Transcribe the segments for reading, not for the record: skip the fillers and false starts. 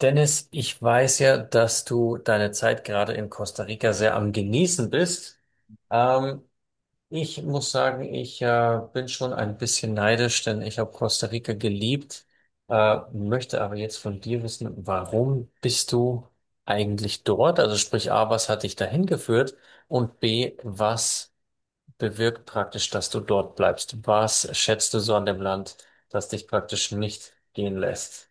Dennis, ich weiß ja, dass du deine Zeit gerade in Costa Rica sehr am Genießen bist. Ähm, Ich muss sagen, ich bin schon ein bisschen neidisch, denn ich habe Costa Rica geliebt, möchte aber jetzt von dir wissen, warum bist du eigentlich dort? Also sprich A, was hat dich dahin geführt? Und B, was bewirkt praktisch, dass du dort bleibst? Was schätzt du so an dem Land, das dich praktisch nicht gehen lässt?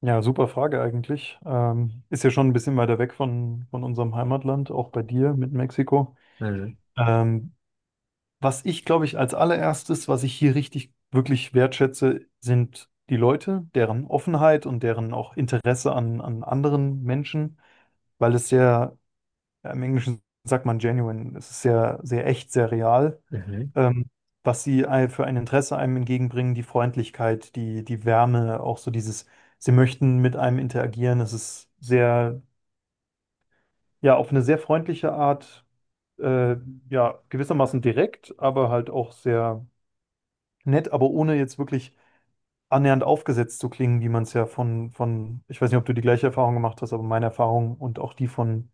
Ja, super Frage eigentlich. Ist ja schon ein bisschen weiter weg von unserem Heimatland, auch bei dir mit Mexiko. Mhm. Ähm, Was ich, glaube ich, als allererstes, was ich hier richtig wirklich wertschätze, sind die Leute, deren Offenheit und deren auch Interesse an anderen Menschen, weil es sehr, ja, im Englischen sagt man genuine, es ist sehr, sehr echt, sehr real Mhm. ähm, was sie für ein Interesse einem entgegenbringen, die Freundlichkeit, die Wärme, auch so dieses, sie möchten mit einem interagieren. Es ist sehr, ja, auf eine sehr freundliche Art, äh, ja, gewissermaßen direkt, aber halt auch sehr nett, aber ohne jetzt wirklich annähernd aufgesetzt zu klingen, wie man es ja ich weiß nicht, ob du die gleiche Erfahrung gemacht hast, aber meine Erfahrung und auch die von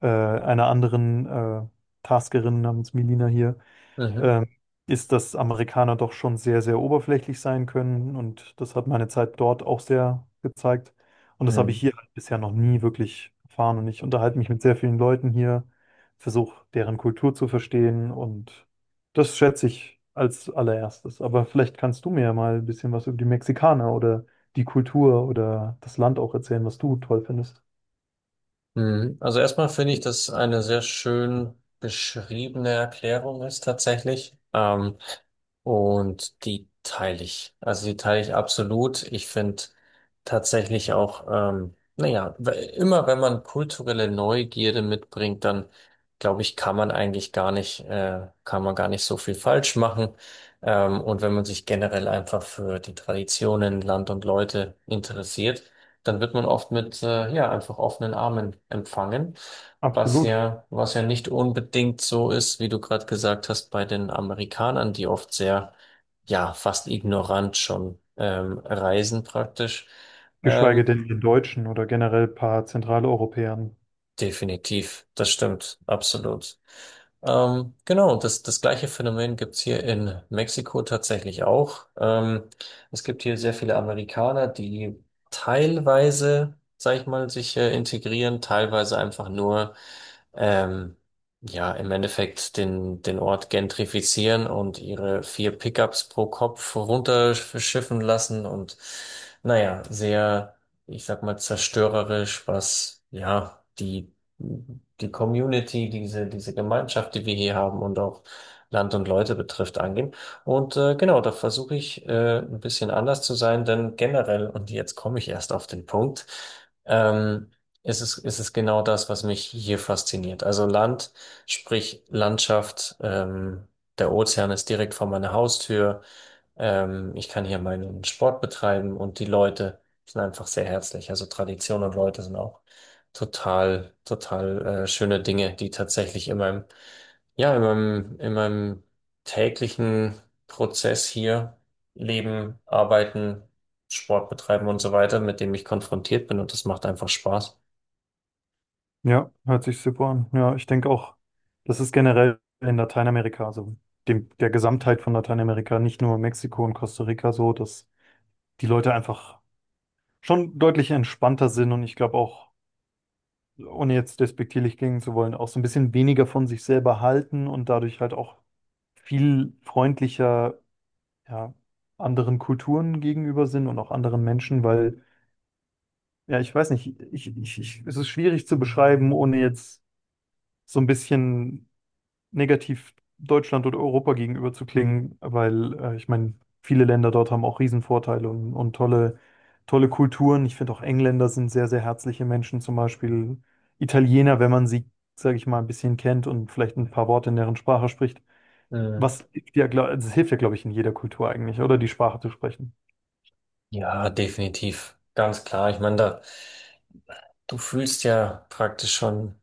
einer anderen Taskerin namens Melina hier Mhm. ähm, ist, dass Amerikaner doch schon sehr, sehr oberflächlich sein können. Und das hat meine Zeit dort auch sehr gezeigt. Und das habe ich Mhm. hier halt bisher noch nie wirklich erfahren. Und ich unterhalte mich mit sehr vielen Leuten hier, versuche deren Kultur zu verstehen. Und das schätze ich als allererstes. Aber vielleicht kannst du mir ja mal ein bisschen was über die Mexikaner oder die Kultur oder das Land auch erzählen, was du toll findest. Mhm. Also erstmal finde ich, dass eine sehr schön beschriebene Erklärung ist tatsächlich. Und die teile ich. Also die teile ich absolut. Ich finde tatsächlich auch, naja, immer wenn man kulturelle Neugierde mitbringt, dann glaube ich, kann man eigentlich gar nicht, kann man gar nicht so viel falsch machen. Und wenn man sich generell einfach für die Traditionen, Land und Leute interessiert, dann wird man oft mit ja einfach offenen Armen empfangen, was Absolut. ja was ja nicht unbedingt so ist, wie du gerade gesagt hast, bei den Amerikanern, die oft sehr ja fast ignorant schon reisen praktisch. Geschweige Ähm, denn den Deutschen oder generell ein paar Zentraleuropäern. Definitiv, das stimmt, absolut. Genau, das gleiche Phänomen gibt's hier in Mexiko tatsächlich auch. Es gibt hier sehr viele Amerikaner, die teilweise, sag ich mal, sich integrieren, teilweise einfach nur, ähm, ja, im Endeffekt den Ort gentrifizieren und ihre vier Pickups pro Kopf runterschiffen lassen und, naja, sehr, ich sag mal, zerstörerisch, was, ja, die Community, diese Gemeinschaft, die wir hier haben und auch Land und Leute betrifft, angehen. Und genau, da versuche ich ein bisschen anders zu sein, denn generell, und jetzt komme ich erst auf den Punkt, ähm, ist es genau das, was mich hier fasziniert. Also Land, sprich Landschaft, der Ozean ist direkt vor meiner Haustür. Ich kann hier meinen Sport betreiben und die Leute sind einfach sehr herzlich. Also Tradition und Leute sind auch total, schöne Dinge, die tatsächlich in meinem, ja, in meinem täglichen Prozess hier leben, arbeiten, Sport betreiben und so weiter, mit dem ich konfrontiert bin und das macht einfach Spaß. Ja, hört sich super an. Ja, ich denke auch, das ist generell in Lateinamerika, also der Gesamtheit von Lateinamerika, nicht nur Mexiko und Costa Rica so, dass die Leute einfach schon deutlich entspannter sind und ich glaube auch, ohne jetzt despektierlich klingen zu wollen, auch so ein bisschen weniger von sich selber halten und dadurch halt auch viel freundlicher, ja, anderen Kulturen gegenüber sind und auch anderen Menschen, weil, ja, ich weiß nicht, ich, es ist schwierig zu beschreiben, ohne jetzt so ein bisschen negativ Deutschland oder Europa gegenüber zu klingen, weil ich meine, viele Länder dort haben auch Riesenvorteile und tolle, tolle Kulturen. Ich finde auch Engländer sind sehr, sehr herzliche Menschen, zum Beispiel Italiener, wenn man sie, sage ich mal, ein bisschen kennt und vielleicht ein paar Worte in deren Sprache spricht. Mhm. Was hilft ja, glaub, das hilft ja, glaube ich, in jeder Kultur eigentlich, oder die Sprache zu sprechen. Ja, definitiv. Ganz klar. Ich meine, da, du fühlst ja praktisch schon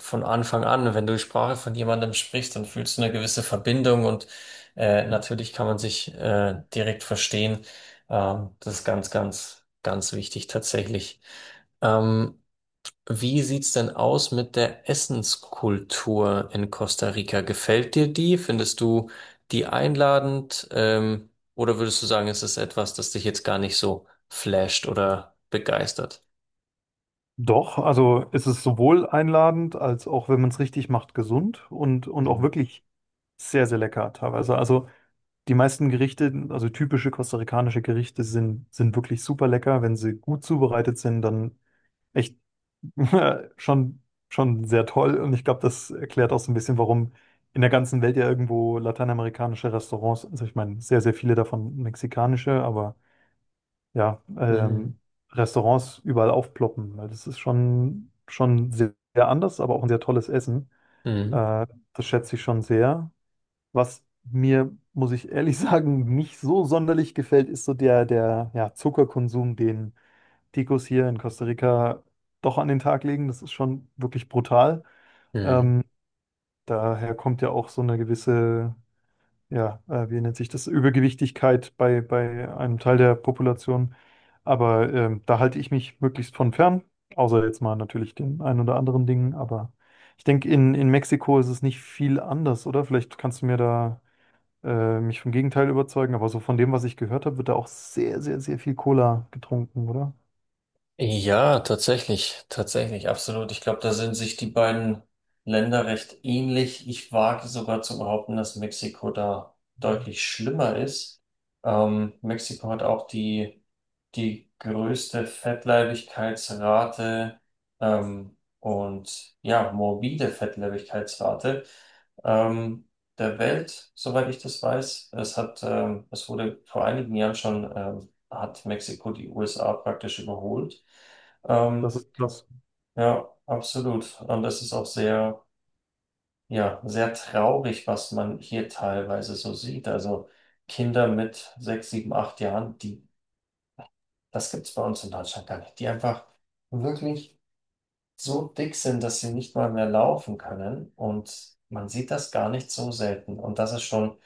von Anfang an, wenn du die Sprache von jemandem sprichst, dann fühlst du eine gewisse Verbindung und natürlich kann man sich direkt verstehen. Das ist ganz, ganz, ganz wichtig tatsächlich. Ähm, Wie sieht's denn aus mit der Essenskultur in Costa Rica? Gefällt dir die? Findest du die einladend? Oder würdest du sagen, es ist etwas, das dich jetzt gar nicht so flasht oder begeistert? Doch, also es ist sowohl einladend als auch, wenn man es richtig macht, gesund und auch Mhm. wirklich sehr, sehr lecker teilweise. Also die meisten Gerichte, also typische kostarikanische Gerichte, sind wirklich super lecker. Wenn sie gut zubereitet sind, dann echt schon, schon sehr toll. Und ich glaube, das erklärt auch so ein bisschen, warum in der ganzen Welt ja irgendwo lateinamerikanische Restaurants, also ich meine, sehr, sehr viele davon mexikanische, aber ja, Restaurants überall aufploppen, weil das ist schon, schon sehr, sehr anders, aber auch ein sehr tolles Essen. Mhm. Äh, Das schätze ich schon sehr. Was mir, muss ich ehrlich sagen, nicht so sonderlich gefällt, ist so der ja, Zuckerkonsum, den Ticos hier in Costa Rica doch an den Tag legen. Das ist schon wirklich brutal. Mhm. Ähm, Daher kommt ja auch so eine gewisse, ja, wie nennt sich das, Übergewichtigkeit bei einem Teil der Population. Aber da halte ich mich möglichst von fern, außer jetzt mal natürlich den ein oder anderen Dingen. Aber ich denke, in Mexiko ist es nicht viel anders, oder? Vielleicht kannst du mir da mich vom Gegenteil überzeugen, aber so von dem, was ich gehört habe, wird da auch sehr, sehr, sehr viel Cola getrunken, oder? Ja, tatsächlich, absolut. Ich glaube, da sind sich die beiden Länder recht ähnlich. Ich wage sogar zu behaupten, dass Mexiko da deutlich schlimmer ist. Mexiko hat auch die größte Fettleibigkeitsrate, und ja, morbide Fettleibigkeitsrate, ähm, der Welt, soweit ich das weiß. Es hat, es wurde vor einigen Jahren schon, hat Mexiko die USA praktisch überholt. Das Ähm, ist das. ja, absolut. Und das ist auch sehr, ja, sehr traurig, was man hier teilweise so sieht. Also Kinder mit sechs, sieben, acht Jahren, die, das gibt's bei uns in Deutschland gar nicht, die einfach wirklich so dick sind, dass sie nicht mal mehr laufen können. Und man sieht das gar nicht so selten. Und das ist schon.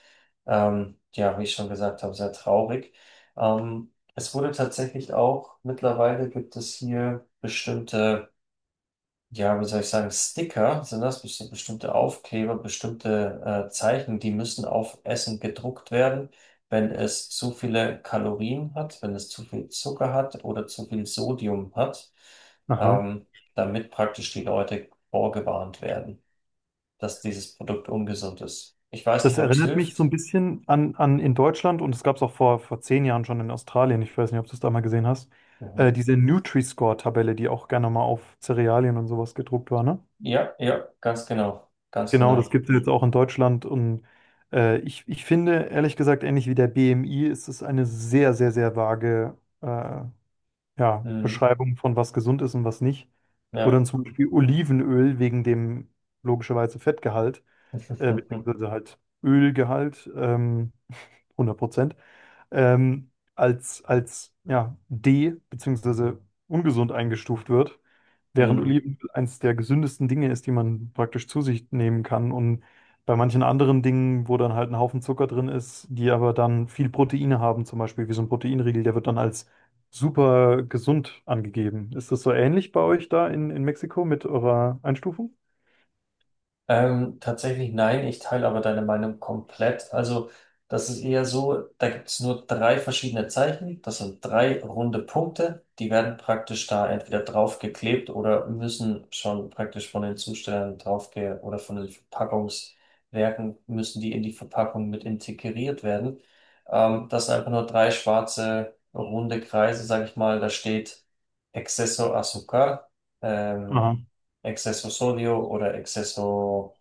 Ja, wie ich schon gesagt habe, sehr traurig. Es wurde tatsächlich auch, mittlerweile gibt es hier bestimmte, ja, wie soll ich sagen, Sticker, sind das bestimmte Aufkleber, bestimmte Zeichen, die müssen auf Essen gedruckt werden, wenn es zu viele Kalorien hat, wenn es zu viel Zucker hat oder zu viel Sodium hat, Aha. ähm, damit praktisch die Leute vorgewarnt werden, dass dieses Produkt ungesund ist. Ich weiß Das nicht, ob es erinnert mich so ein hilft. bisschen an in Deutschland und es gab es auch vor 10 Jahren schon in Australien, ich weiß nicht, ob du es da mal gesehen hast, Mhm. diese Nutri-Score-Tabelle, die auch gerne mal auf Cerealien und sowas gedruckt war, ne? Ja, ja, ganz genau, ganz Genau, das genau. gibt es jetzt auch in Deutschland und ich, ich finde, ehrlich gesagt, ähnlich wie der BMI ist es eine sehr, sehr, sehr vage ja, Mhm. Beschreibungen von was gesund ist und was nicht, wo Ja. dann zum Beispiel Olivenöl wegen dem logischerweise Fettgehalt, beziehungsweise halt Ölgehalt, 100%, als ja, D, beziehungsweise ungesund eingestuft wird. Während Mhm. Olivenöl eines der gesündesten Dinge ist, die man praktisch zu sich nehmen kann. Und bei manchen anderen Dingen, wo dann halt ein Haufen Zucker drin ist, die aber dann viel Proteine haben, zum Beispiel wie so ein Proteinriegel, der wird dann als super gesund angegeben. Ist das so ähnlich bei euch da in Mexiko mit eurer Einstufung? Tatsächlich nein, ich teile aber deine Meinung komplett. Also, das ist eher so, da gibt es nur drei verschiedene Zeichen. Das sind drei runde Punkte. Die werden praktisch da entweder draufgeklebt oder müssen schon praktisch von den Zustellern draufge oder von den Verpackungswerken müssen die in die Verpackung mit integriert werden. Das sind einfach nur drei schwarze runde Kreise, sag ich mal. Da steht Exceso Azúcar. Aha. Ähm, Exceso Sodio oder Exceso,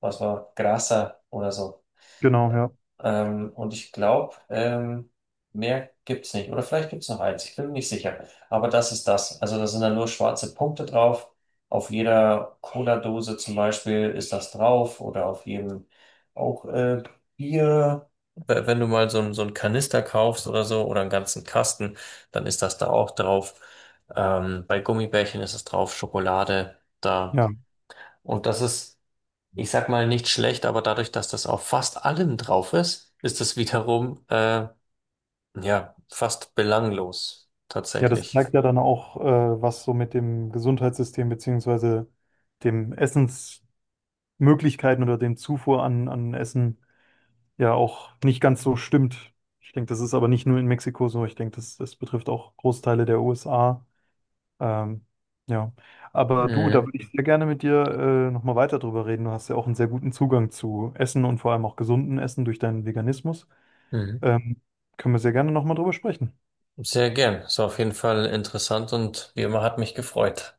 was war, Grasa oder so. Genau, ja. Und ich glaube, mehr gibt's nicht. Oder vielleicht gibt's noch eins, ich bin mir nicht sicher. Aber das ist das. Also da sind dann nur schwarze Punkte drauf. Auf jeder Cola-Dose zum Beispiel ist das drauf oder auf jedem auch Bier. Wenn du mal so, so einen Kanister kaufst oder so oder einen ganzen Kasten, dann ist das da auch drauf. Bei Gummibärchen ist es drauf, Schokolade. Da Ja. und das ist, ich sag mal, nicht schlecht, aber dadurch, dass das auf fast allem drauf ist, ist es wiederum, ja, fast belanglos, Ja, das tatsächlich. zeigt ja dann auch, was so mit dem Gesundheitssystem beziehungsweise dem Essensmöglichkeiten oder dem Zufuhr an Essen ja auch nicht ganz so stimmt. Ich denke, das ist aber nicht nur in Mexiko so. Ich denke, das betrifft auch Großteile der USA. Ähm, ja, aber du, da Mhm. würde ich sehr gerne mit dir nochmal weiter drüber reden. Du hast ja auch einen sehr guten Zugang zu Essen und vor allem auch gesunden Essen durch deinen Veganismus. Mhm. Ähm, Können wir sehr gerne nochmal drüber sprechen. Sehr gern. Ist auf jeden Fall interessant und wie immer hat mich gefreut.